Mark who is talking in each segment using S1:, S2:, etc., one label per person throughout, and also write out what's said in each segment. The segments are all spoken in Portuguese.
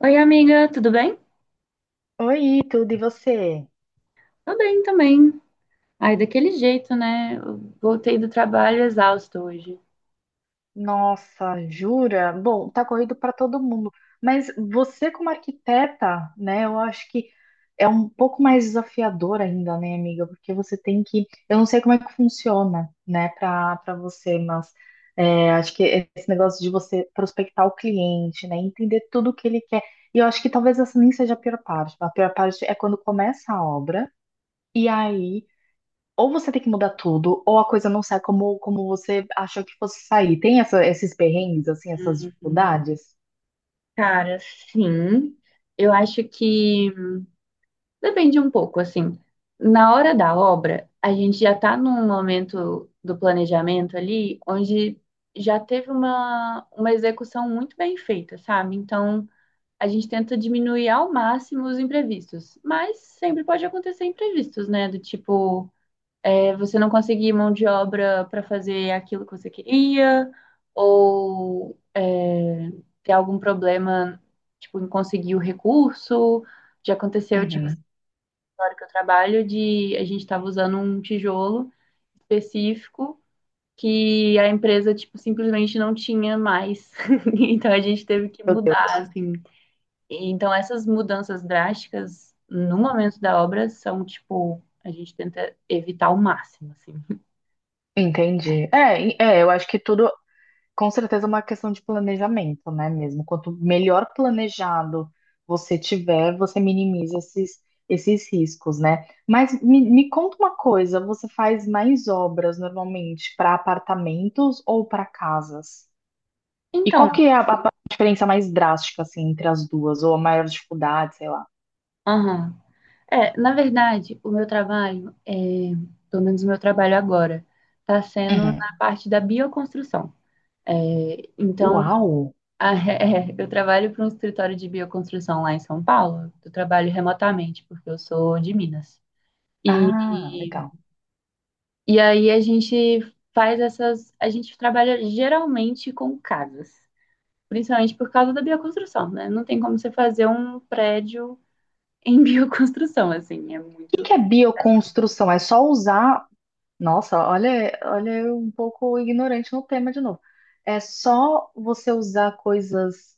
S1: Oi, amiga, tudo bem?
S2: Oi, tudo e você?
S1: Tô bem também. Ai, daquele jeito, né? Eu voltei do trabalho exausto hoje.
S2: Nossa, jura? Bom, tá corrido para todo mundo, mas você como arquiteta, né, eu acho que um pouco mais desafiador ainda, né, amiga? Porque você tem que, eu não sei como é que funciona, né, para você, mas acho que esse negócio de você prospectar o cliente, né, entender tudo o que ele quer. E eu acho que talvez essa nem seja a pior parte. A pior parte é quando começa a obra. E aí ou você tem que mudar tudo, ou a coisa não sai como você achou que fosse sair. Tem esses perrengues, assim, essas
S1: Hum,
S2: dificuldades?
S1: Cara, sim. Eu acho que depende um pouco, assim. Na hora da obra, a gente já tá num momento do planejamento ali, onde já teve uma execução muito bem feita, sabe? Então, a gente tenta diminuir ao máximo os imprevistos, mas sempre pode acontecer imprevistos, né? Do tipo é, você não conseguir mão de obra para fazer aquilo que você queria, ou é, ter algum problema, tipo, em conseguir o recurso. Já aconteceu, tipo, essa
S2: Uhum.
S1: história que eu trabalho, de a gente estava usando um tijolo específico que a empresa, tipo, simplesmente não tinha mais. Então a gente teve que
S2: Meu
S1: mudar,
S2: Deus.
S1: assim. E então essas mudanças drásticas no momento da obra são, tipo, a gente tenta evitar ao máximo, assim.
S2: Entendi. Eu acho que tudo com certeza, é uma questão de planejamento, né, mesmo? Quanto melhor planejado você tiver, você minimiza esses riscos, né? Mas me conta uma coisa, você faz mais obras normalmente para apartamentos ou para casas? E
S1: Então,
S2: qual que é a diferença mais drástica, assim, entre as duas? Ou a maior dificuldade, sei lá.
S1: aham. É, na verdade, o meu trabalho, é, pelo menos o meu trabalho agora, está sendo
S2: Uhum.
S1: na parte da bioconstrução. É, então,
S2: Uau!
S1: a- é, eu trabalho para um escritório de bioconstrução lá em São Paulo. Eu trabalho remotamente, porque eu sou de Minas.
S2: Ah,
S1: E,
S2: legal.
S1: e aí a gente faz essas. A gente trabalha geralmente com casas, principalmente por causa da bioconstrução, né? Não tem como você fazer um prédio em bioconstrução, assim, é
S2: O que que é
S1: muito.
S2: bioconstrução? É só usar. Nossa, olha eu um pouco ignorante no tema de novo. É só você usar coisas.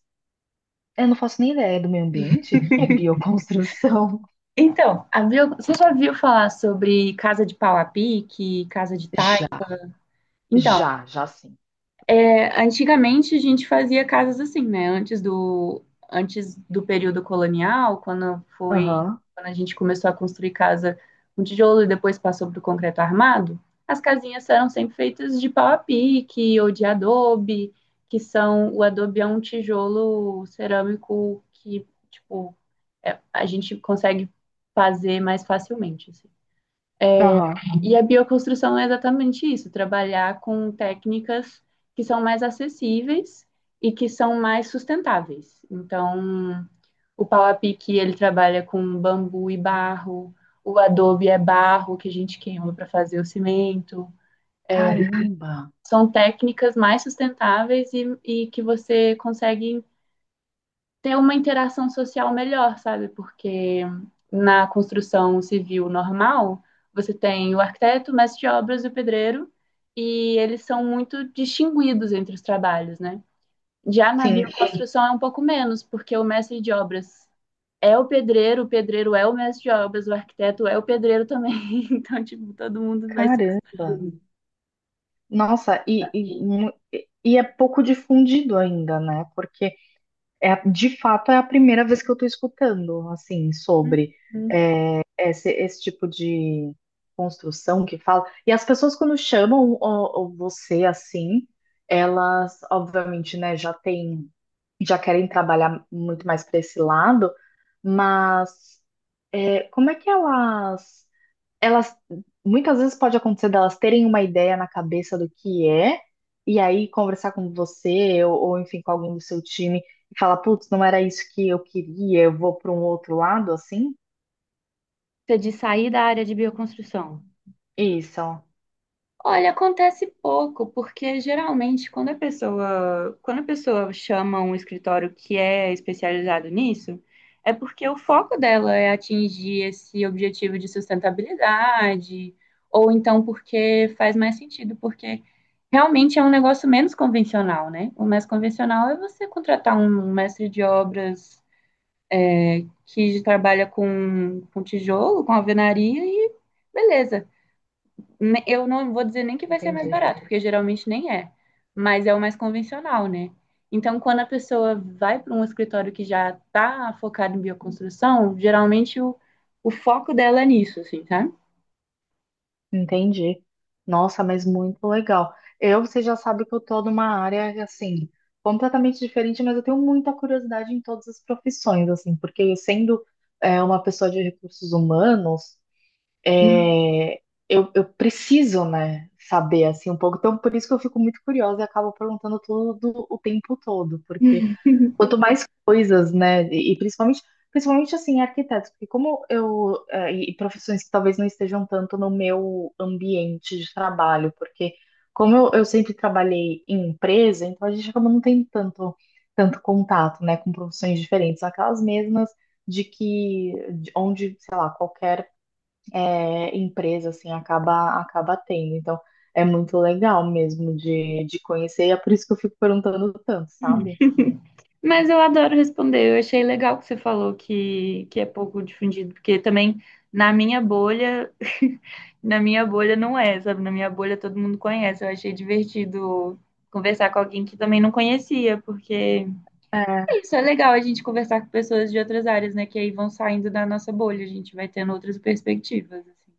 S2: Eu não faço nem ideia do meio ambiente. O que é bioconstrução?
S1: Então, você já viu falar sobre casa de pau a pique, casa de taipa?
S2: Já,
S1: Então,
S2: já sim.
S1: é, antigamente a gente fazia casas assim, né? Antes do período colonial, quando foi,
S2: Aham,
S1: quando a gente começou a construir casa com tijolo e depois passou para o concreto armado, as casinhas eram sempre feitas de pau a pique ou de adobe, que são, o adobe é um tijolo cerâmico que, tipo, a gente consegue fazer mais facilmente, assim.
S2: aham.
S1: E a bioconstrução é exatamente isso, trabalhar com técnicas que são mais acessíveis e que são mais sustentáveis. Então, o pau a pique, ele trabalha com bambu e barro, o adobe é barro que a gente queima para fazer o cimento. É,
S2: Caramba!
S1: são técnicas mais sustentáveis e que você consegue ter uma interação social melhor, sabe? Porque na construção civil normal, você tem o arquiteto, o mestre de obras e o pedreiro, e eles são muito distinguidos entre os trabalhos, né? Já na
S2: Sim,
S1: bioconstrução é um pouco menos, porque o mestre de obras é o pedreiro é o mestre de obras, o arquiteto é o pedreiro também. Então, tipo, todo mundo vai ser.
S2: caramba! Nossa, e é pouco difundido ainda, né? Porque de fato é a primeira vez que eu tô escutando, assim, sobre esse tipo de construção que fala. E as pessoas quando chamam ó, você assim, elas, obviamente, né, já têm, já querem trabalhar muito mais para esse lado, mas é, como é que elas muitas vezes pode acontecer delas terem uma ideia na cabeça do que é, e aí conversar com você, ou, enfim, com alguém do seu time, e falar, putz, não era isso que eu queria, eu vou para um outro lado, assim?
S1: Você de sair da área de bioconstrução.
S2: Isso, ó,
S1: Olha, acontece pouco, porque geralmente quando a pessoa chama um escritório que é especializado nisso, é porque o foco dela é atingir esse objetivo de sustentabilidade, ou então porque faz mais sentido, porque realmente é um negócio menos convencional, né? O mais convencional é você contratar um mestre de obras que trabalha com tijolo, com alvenaria e beleza. Eu não vou dizer nem que vai ser mais
S2: entendi,
S1: barato, porque geralmente nem é, mas é o mais convencional, né? Então, quando a pessoa vai para um escritório que já está focado em bioconstrução, geralmente o foco dela é nisso, assim, sabe?
S2: entendi. Nossa, mas muito legal. Eu, você já sabe que eu tô numa área, assim, completamente diferente, mas eu tenho muita curiosidade em todas as profissões, assim, porque eu sendo uma pessoa de recursos humanos,
S1: Uhum.
S2: é, eu preciso, né, saber assim um pouco. Então, por isso que eu fico muito curiosa e acabo perguntando tudo o tempo todo, porque quanto mais coisas, né, e principalmente, principalmente assim, arquitetos, porque como eu eh, e profissões que talvez não estejam tanto no meu ambiente de trabalho, porque como eu sempre trabalhei em empresa, então a gente acaba não tem tanto contato, né, com profissões diferentes, aquelas mesmas de que de onde, sei lá, qualquer empresa assim acaba tendo. Então é muito legal mesmo de conhecer, e é por isso que eu fico perguntando tanto, sabe?
S1: Mas eu adoro responder. Eu achei legal que você falou que é pouco difundido, porque também na minha bolha, na minha bolha não é, sabe? Na minha bolha todo mundo conhece. Eu achei divertido conversar com alguém que também não conhecia, porque
S2: É,
S1: isso é legal a gente conversar com pessoas de outras áreas, né? Que aí vão saindo da nossa bolha, a gente vai tendo outras perspectivas, assim.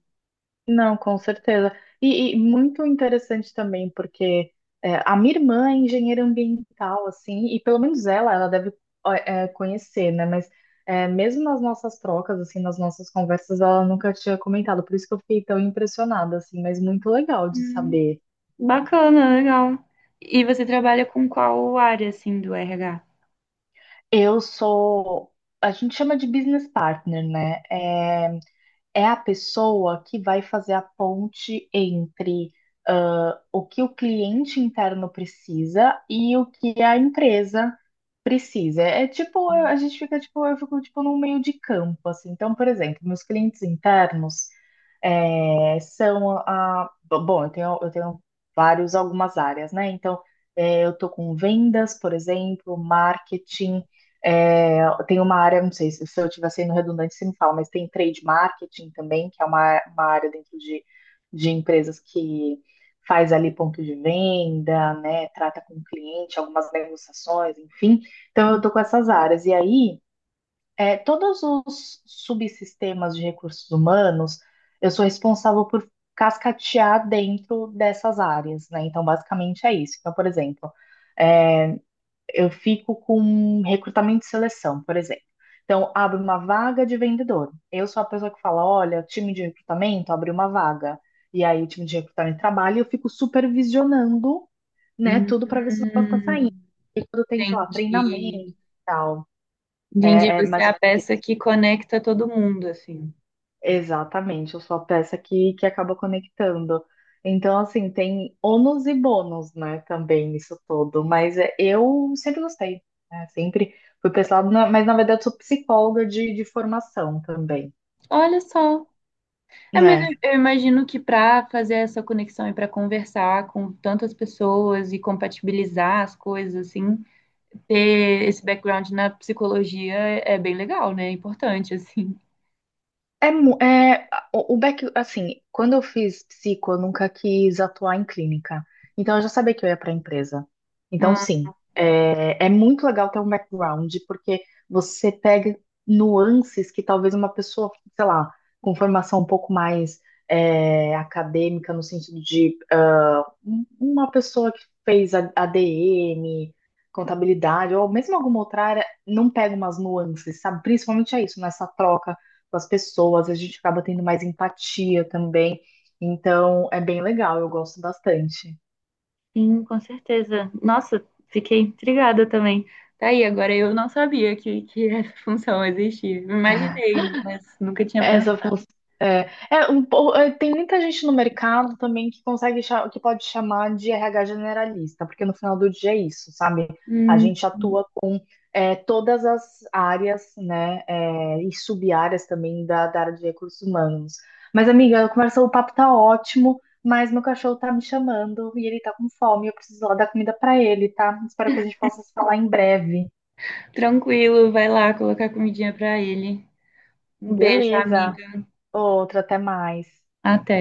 S2: não, com certeza. E muito interessante também, porque é, a minha irmã é engenheira ambiental, assim, e pelo menos ela deve ó, é, conhecer, né? Mas é, mesmo nas nossas trocas, assim, nas nossas conversas, ela nunca tinha comentado, por isso que eu fiquei tão impressionada, assim, mas muito legal de
S1: Hum,
S2: saber.
S1: bacana, legal. E você trabalha com qual área, assim, do RH?
S2: Eu sou, a gente chama de business partner, né? É, é a pessoa que vai fazer a ponte entre ah, o que o cliente interno precisa e o que a empresa precisa. É, tipo, a gente fica tipo, eu fico tipo num meio de campo, assim. Então, por exemplo, meus clientes internos, é, são a. Bom, eu tenho vários, algumas áreas, né? Então, é, eu estou com vendas, por exemplo, marketing. É, tem uma área, não sei se eu estiver sendo redundante, você me fala, mas tem trade marketing também, que é uma área dentro de empresas que faz ali ponto de venda, né? Trata com o cliente, algumas negociações, enfim. Então, eu estou com essas áreas. E aí. É, todos os subsistemas de recursos humanos, eu sou responsável por cascatear dentro dessas áreas, né? Então, basicamente é isso. Então, por exemplo, é, eu fico com recrutamento e seleção, por exemplo. Então, abre uma vaga de vendedor. Eu sou a pessoa que fala, olha, time de recrutamento abriu uma vaga. E aí, o time de recrutamento trabalha e eu fico supervisionando, né,
S1: Hum,
S2: tudo para ver se o negócio está saindo. E quando tem, sei lá, treinamento
S1: entendi.
S2: e tal.
S1: Entendi,
S2: É, é
S1: você
S2: mais
S1: é
S2: ou
S1: a peça que conecta todo mundo, assim.
S2: exatamente, eu sou a peça que acaba conectando. Então, assim, tem ônus e bônus, né, também nisso todo. Mas é, eu sempre gostei, né? Sempre fui pessoal, mas na verdade sou psicóloga de formação também,
S1: Olha só. É, mas
S2: né?
S1: eu imagino que para fazer essa conexão e para conversar com tantas pessoas e compatibilizar as coisas, assim, ter esse background na psicologia é bem legal, né? É importante, assim.
S2: O back, assim, quando eu fiz psico, eu nunca quis atuar em clínica. Então eu já sabia que eu ia para a empresa. Então,
S1: Ah,
S2: sim, é, é muito legal ter um background, porque você pega nuances que talvez uma pessoa, sei lá, com formação um pouco mais é, acadêmica, no sentido de uma pessoa que fez ADM, contabilidade, ou mesmo alguma outra área, não pega umas nuances, sabe? Principalmente é isso, nessa troca com as pessoas, a gente acaba tendo mais empatia também. Então, é bem legal, eu gosto bastante.
S1: sim, com certeza. Nossa, fiquei intrigada também. Tá aí, agora eu não sabia que essa função existia. Imaginei, mas nunca tinha pensado.
S2: Essa função. É, tem muita gente no mercado também que consegue que pode chamar de RH generalista, porque no final do dia é isso, sabe? A
S1: Hum,
S2: gente atua é, todas as áreas, né, é, e sub-áreas também da área de recursos humanos. Mas, amiga, a conversa, o papo tá ótimo, mas meu cachorro tá me chamando e ele tá com fome, eu preciso lá dar comida pra ele, tá? Espero que a gente possa se falar em breve.
S1: tranquilo, vai lá colocar comidinha pra ele. Um beijo,
S2: Beleza.
S1: amiga.
S2: Outra, até mais.
S1: Até.